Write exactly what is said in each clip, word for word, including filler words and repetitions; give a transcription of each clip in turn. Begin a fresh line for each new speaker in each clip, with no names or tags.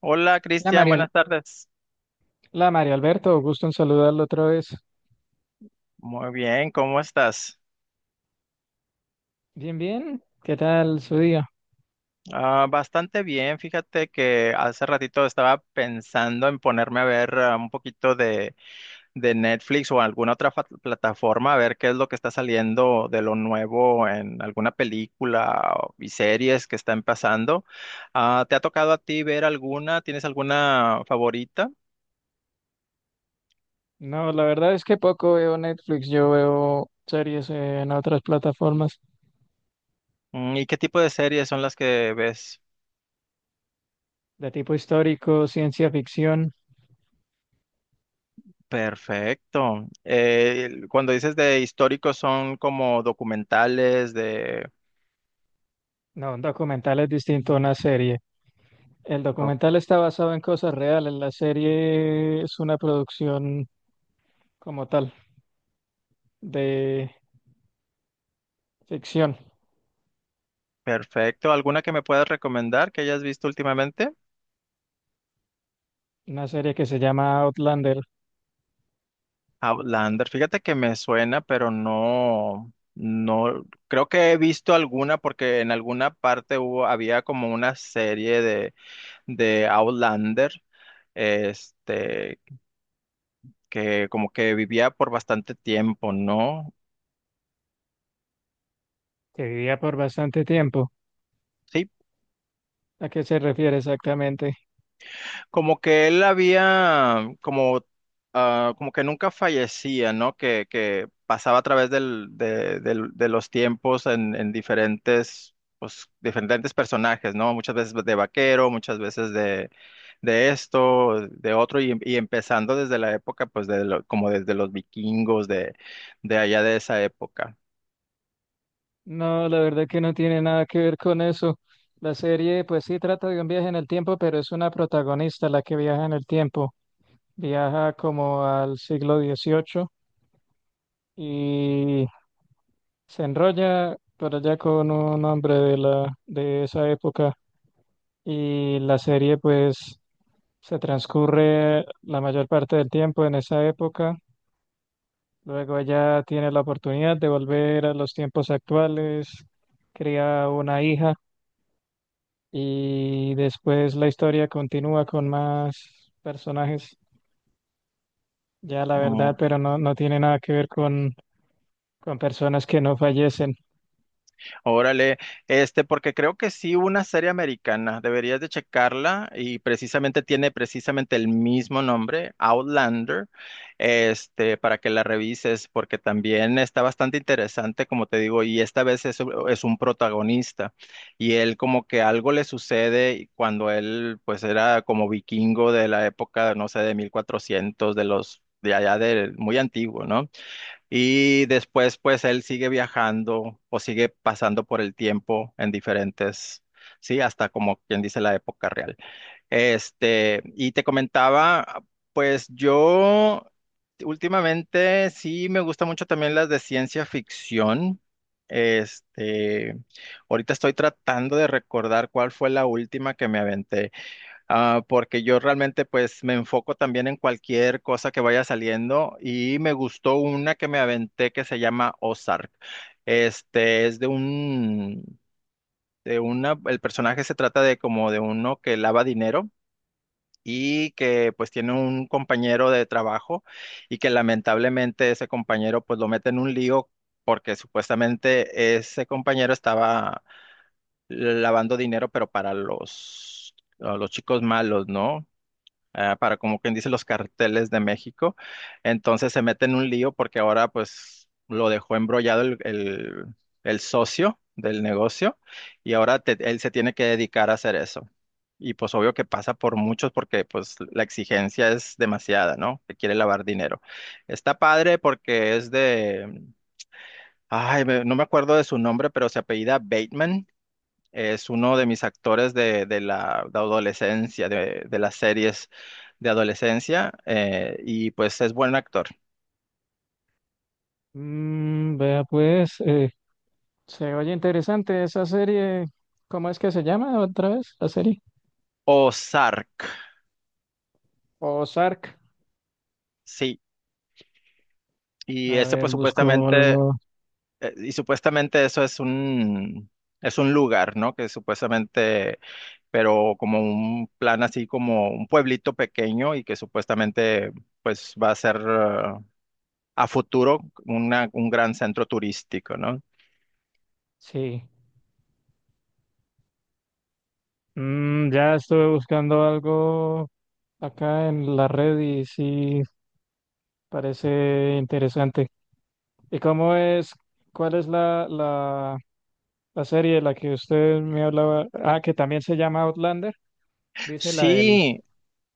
Hola
La
Cristian,
María,
buenas tardes.
la María Alberto, gusto en saludarlo otra vez.
Muy bien, ¿cómo estás?
Bien, bien, ¿qué tal su día?
Ah, bastante bien, fíjate que hace ratito estaba pensando en ponerme a ver ah, un poquito de, de Netflix o alguna otra fa- plataforma, a ver qué es lo que está saliendo de lo nuevo en alguna película o- y series que están pasando. Ah, ¿te ha tocado a ti ver alguna? ¿Tienes alguna favorita?
No, la verdad es que poco veo Netflix, yo veo series en otras plataformas
Mm, ¿Y qué tipo de series son las que ves?
de tipo histórico, ciencia ficción.
Perfecto. Eh, el- cuando dices de históricos son como documentales de.
No, un documental es distinto a
Mm.
una serie. El
Oh,
documental está basado en cosas reales, la serie es una producción como tal de ficción,
perfecto. ¿Alguna que me puedas recomendar que hayas visto últimamente?
una serie que se llama Outlander,
Outlander. Fíjate que me suena, pero no, no, creo que he visto alguna porque en alguna parte hubo, había como una serie de, de Outlander, este, que como que vivía por bastante tiempo, ¿no?
que vivía por bastante tiempo.
Sí,
¿A qué se refiere exactamente?
Como que él había, como, ah, como que nunca fallecía, ¿no? Que, que pasaba a través del, de, del- de los tiempos en, en diferentes, pues, diferentes personajes, ¿no? Muchas veces de vaquero, muchas veces de, de esto, de otro, y, y empezando desde la época, pues, de lo- como desde los vikingos de, de allá de esa época.
No, la verdad que no tiene nada que ver con eso. La serie, pues sí, trata de un viaje en el tiempo, pero es una protagonista la que viaja en el tiempo. Viaja como al siglo dieciocho y se enrolla por allá con un hombre de la, de esa época. Y la serie, pues, se transcurre la mayor parte del tiempo en esa época. Luego ella tiene la oportunidad de volver a los tiempos actuales, cría una hija. Y después la historia continúa con más personajes, ya la verdad, pero no, no tiene nada que ver con, con personas que no fallecen.
Órale, este, porque creo que sí, una serie americana, deberías de checarla y precisamente tiene precisamente el mismo nombre, Outlander, este, para que la revises, porque también está bastante interesante, como te digo, y esta vez es, es un protagonista y él como que algo le sucede cuando él pues era como vikingo de la época, no sé, de mil cuatrocientos, de los... de allá de muy antiguo, ¿no? Y después, pues él sigue viajando o sigue pasando por el tiempo en diferentes, sí, hasta como quien dice la época real. Este, y te comentaba, pues yo últimamente sí me gusta mucho también las de ciencia ficción. Este, ahorita estoy tratando de recordar cuál fue la última que me aventé. Ah, porque yo realmente pues me enfoco también en cualquier cosa que vaya saliendo y me gustó una que me aventé que se llama Ozark. Este es de un, de una, el personaje se trata de como de uno que lava dinero y que pues tiene un compañero de trabajo y que lamentablemente ese compañero pues lo mete en un lío porque supuestamente ese compañero estaba lavando dinero pero para los, a los chicos malos, ¿no? ah, para como quien dice los carteles de México. Entonces se mete en un lío porque ahora pues lo dejó embrollado el, el- el socio del negocio y ahora te- él se tiene que dedicar a hacer eso. Y pues obvio que pasa por muchos porque pues la exigencia es demasiada, ¿no? Que quiere lavar dinero. Está padre porque es de, ay, me- no me acuerdo de su nombre, pero se apellida Bateman. Es uno de mis actores de, de la de adolescencia, de, de las series de adolescencia, eh, y pues es buen actor.
Mm, vea pues, eh, se oye interesante esa serie. ¿Cómo es que se llama otra vez la serie?
Ozark,
Ozark.
sí. Y
A
ese
ver,
pues
busco
supuestamente,
algo.
eh, y supuestamente eso es un, es un lugar, ¿no? Que supuestamente, pero como un plan así como un pueblito pequeño y que supuestamente pues va a ser... eh, a futuro una- un gran centro turístico, ¿no?
Sí. Mm, ya estuve buscando algo acá en la red y sí, parece interesante. ¿Y cómo es? ¿Cuál es la, la la serie de la que usted me hablaba, ah, que también se llama Outlander, dice la del,
Sí,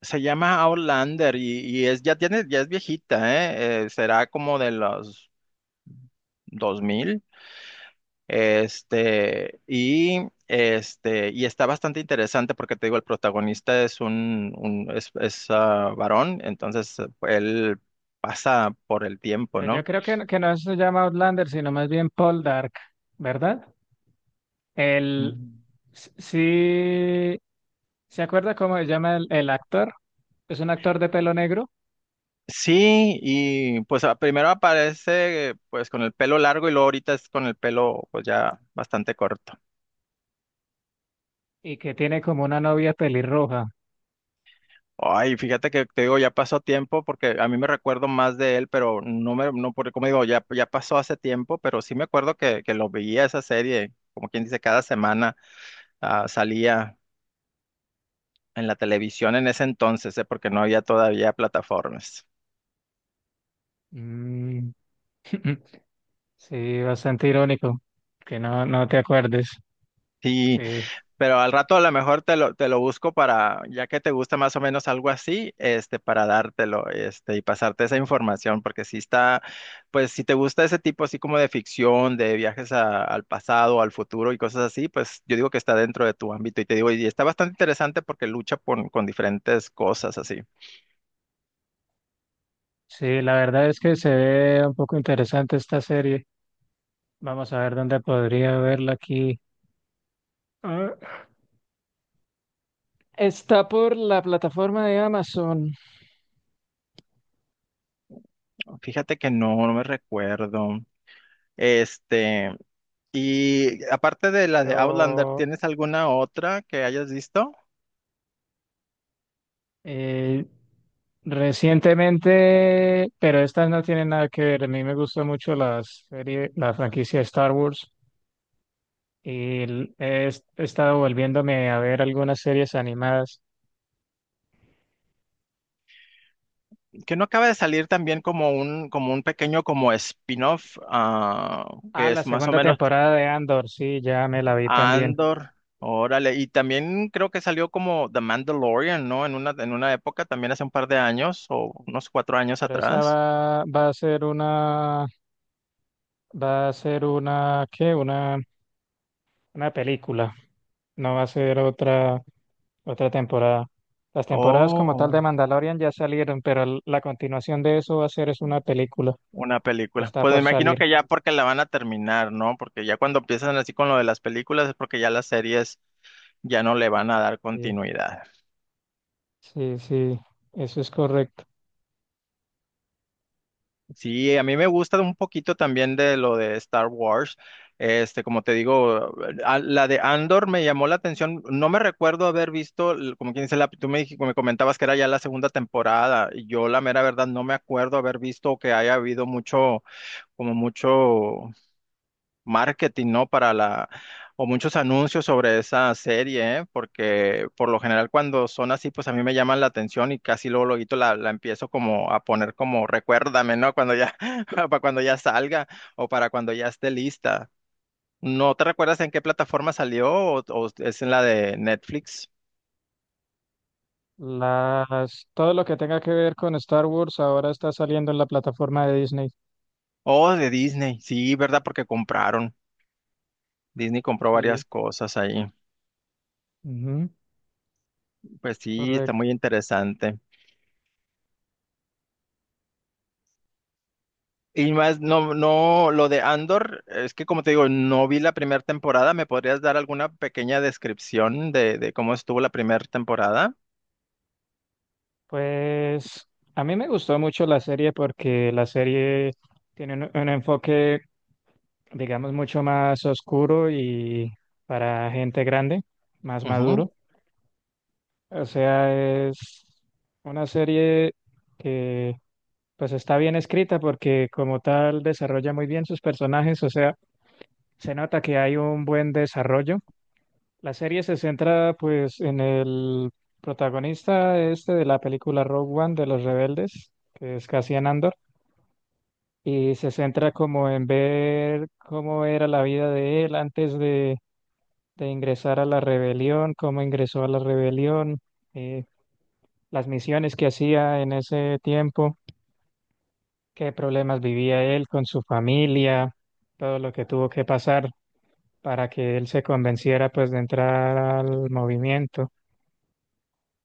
Se llama Outlander y, y es, ya tiene, ya es viejita, ¿eh? Eh, será como de los dos mil, este, y, este, y está bastante interesante porque te digo, el protagonista es un, un- es, es, ah, varón, entonces eh, él pasa por el tiempo,
pero yo
¿no?
creo que, no- que no se llama Outlander, sino más bien Paul Dark, ¿verdad? El,
Mm.
s- sí, ¿se acuerda cómo se llama el, el actor? Es un actor de pelo negro
Sí, y pues a- primero aparece pues con el pelo largo y luego ahorita es con el pelo pues ya bastante corto.
y que tiene como una novia pelirroja.
Ay, fíjate que te digo, ya pasó tiempo porque a mí me recuerdo más de él, pero no me, no, porque como digo, ya, ya pasó hace tiempo, pero sí me acuerdo que, que lo veía esa serie, como quien dice, cada semana ah, salía en la televisión en ese entonces, eh, porque no había todavía plataformas.
Mm, sí, bastante irónico, que no, no te acuerdes,
Sí,
que
Pero al rato a lo mejor te lo, te lo busco para, ya que te gusta más o menos algo así, este, para dártelo, este, y pasarte esa información, porque si está, pues si te gusta ese tipo así como de ficción, de viajes a- al pasado, al futuro y cosas así, pues yo digo que está dentro de tu ámbito y te digo, y está bastante interesante porque lucha con, con diferentes cosas así.
sí, la verdad es que se ve un poco interesante esta serie. Vamos a ver dónde podría verla aquí. Ah, está por la plataforma de Amazon,
Fíjate que no, no me recuerdo. Este, y aparte de la de Outlander,
pero
¿tienes alguna otra que hayas visto?
eh, recientemente, pero estas no tienen nada que ver. A mí me gusta mucho la serie, la franquicia de Star Wars y l- he, est- he estado volviéndome a ver algunas series animadas.
que no acaba de salir también como un, como un pequeño como spin-off, ah,
Ah,
que
la
es más o
segunda
menos
temporada de Andor, sí, ya me la vi también.
Andor. Órale, y también creo que salió como The Mandalorian, ¿no? En una, en una época, también hace un par de años, o unos cuatro años
Pero esa
atrás.
va, va a ser una, va a ser una, ¿qué? Una, una película. No va a ser otra. Otra temporada. Las temporadas como tal
Oh,
de Mandalorian ya salieron, pero l- la continuación de eso va a ser es una película.
una película.
Está
Pues me
por
imagino
salir.
que ya porque la van a terminar, ¿no? Porque ya cuando empiezan así con lo de las películas es porque ya las series ya no le van a dar
Sí,
continuidad.
sí, sí, eso es correcto.
Sí, a mí me gusta un poquito también de lo de Star Wars. Este, como te digo, a- la de Andor me llamó la atención. No me recuerdo haber visto, l- como quien dice, la, tú me, dij- me comentabas que era ya la segunda temporada. y Yo, la mera verdad, no me acuerdo haber visto que haya habido mucho, como mucho marketing, ¿no? Para la, o muchos anuncios sobre esa serie, ¿eh? Porque por lo general cuando son así, pues a mí me llaman la atención y casi luego, luego la, la empiezo como a poner como recuérdame, ¿no? Cuando ya, para cuando ya salga o para cuando ya esté lista. ¿No te recuerdas en qué plataforma salió o, o es en la de Netflix
Las, todo lo que tenga que ver con Star Wars ahora está saliendo en la plataforma de Disney.
o de Disney? Sí, ¿verdad? Porque compraron. Disney compró
Sí,
varias cosas ahí.
ujú,
Pues
es
sí, está
correcto.
muy interesante. Y más, no, no, lo de Andor, es que como te digo, no vi la primera temporada. ¿Me podrías dar alguna pequeña descripción de, de cómo estuvo la primera temporada?
Pues a mí me gustó mucho la serie porque la serie tiene un un enfoque, digamos, mucho más oscuro y para gente grande, más
Ujú.
maduro. O sea, es una serie que pues está bien escrita porque como tal desarrolla muy bien sus personajes, o sea, se nota que hay un buen desarrollo. La serie se centra pues en el protagonista este de la película Rogue One de los rebeldes, que es Cassian Andor, y se centra como en ver cómo era la vida de él antes de, de ingresar a la rebelión, cómo ingresó a la rebelión. eh, las misiones que hacía en ese tiempo, qué problemas vivía él con su familia, todo lo que tuvo que pasar para que él se convenciera pues de entrar al movimiento.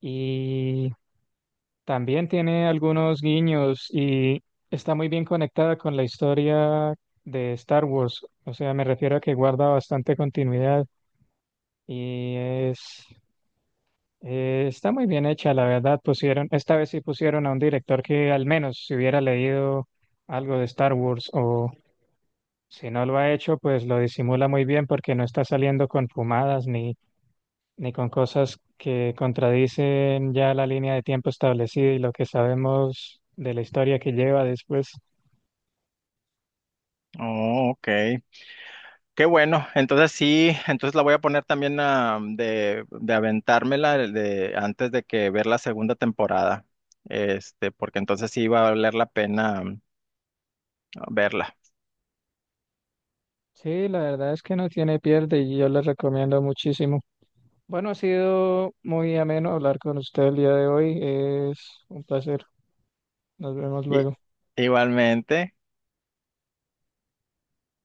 Y también tiene algunos guiños y está muy bien conectada con la historia de Star Wars. O sea, me refiero a que guarda bastante continuidad y es. Eh, está muy bien hecha, la verdad. Pusieron, esta vez sí pusieron a un director que al menos si hubiera leído algo de Star Wars o si no lo ha hecho, pues lo disimula muy bien porque no está saliendo con fumadas ni, ni con cosas que contradicen ya la línea de tiempo establecida y lo que sabemos de la historia que lleva después.
Oh, ok. Qué bueno. Entonces sí, entonces la voy a poner también ah, de, de aventármela de, antes de que ver la segunda temporada. Este, porque entonces sí va a valer la pena, mm, verla.
Sí, la verdad es que no tiene pierde y yo les recomiendo muchísimo. Bueno, ha sido muy ameno hablar con usted el día de hoy. Es un placer. Nos vemos
Y-
luego.
Igualmente.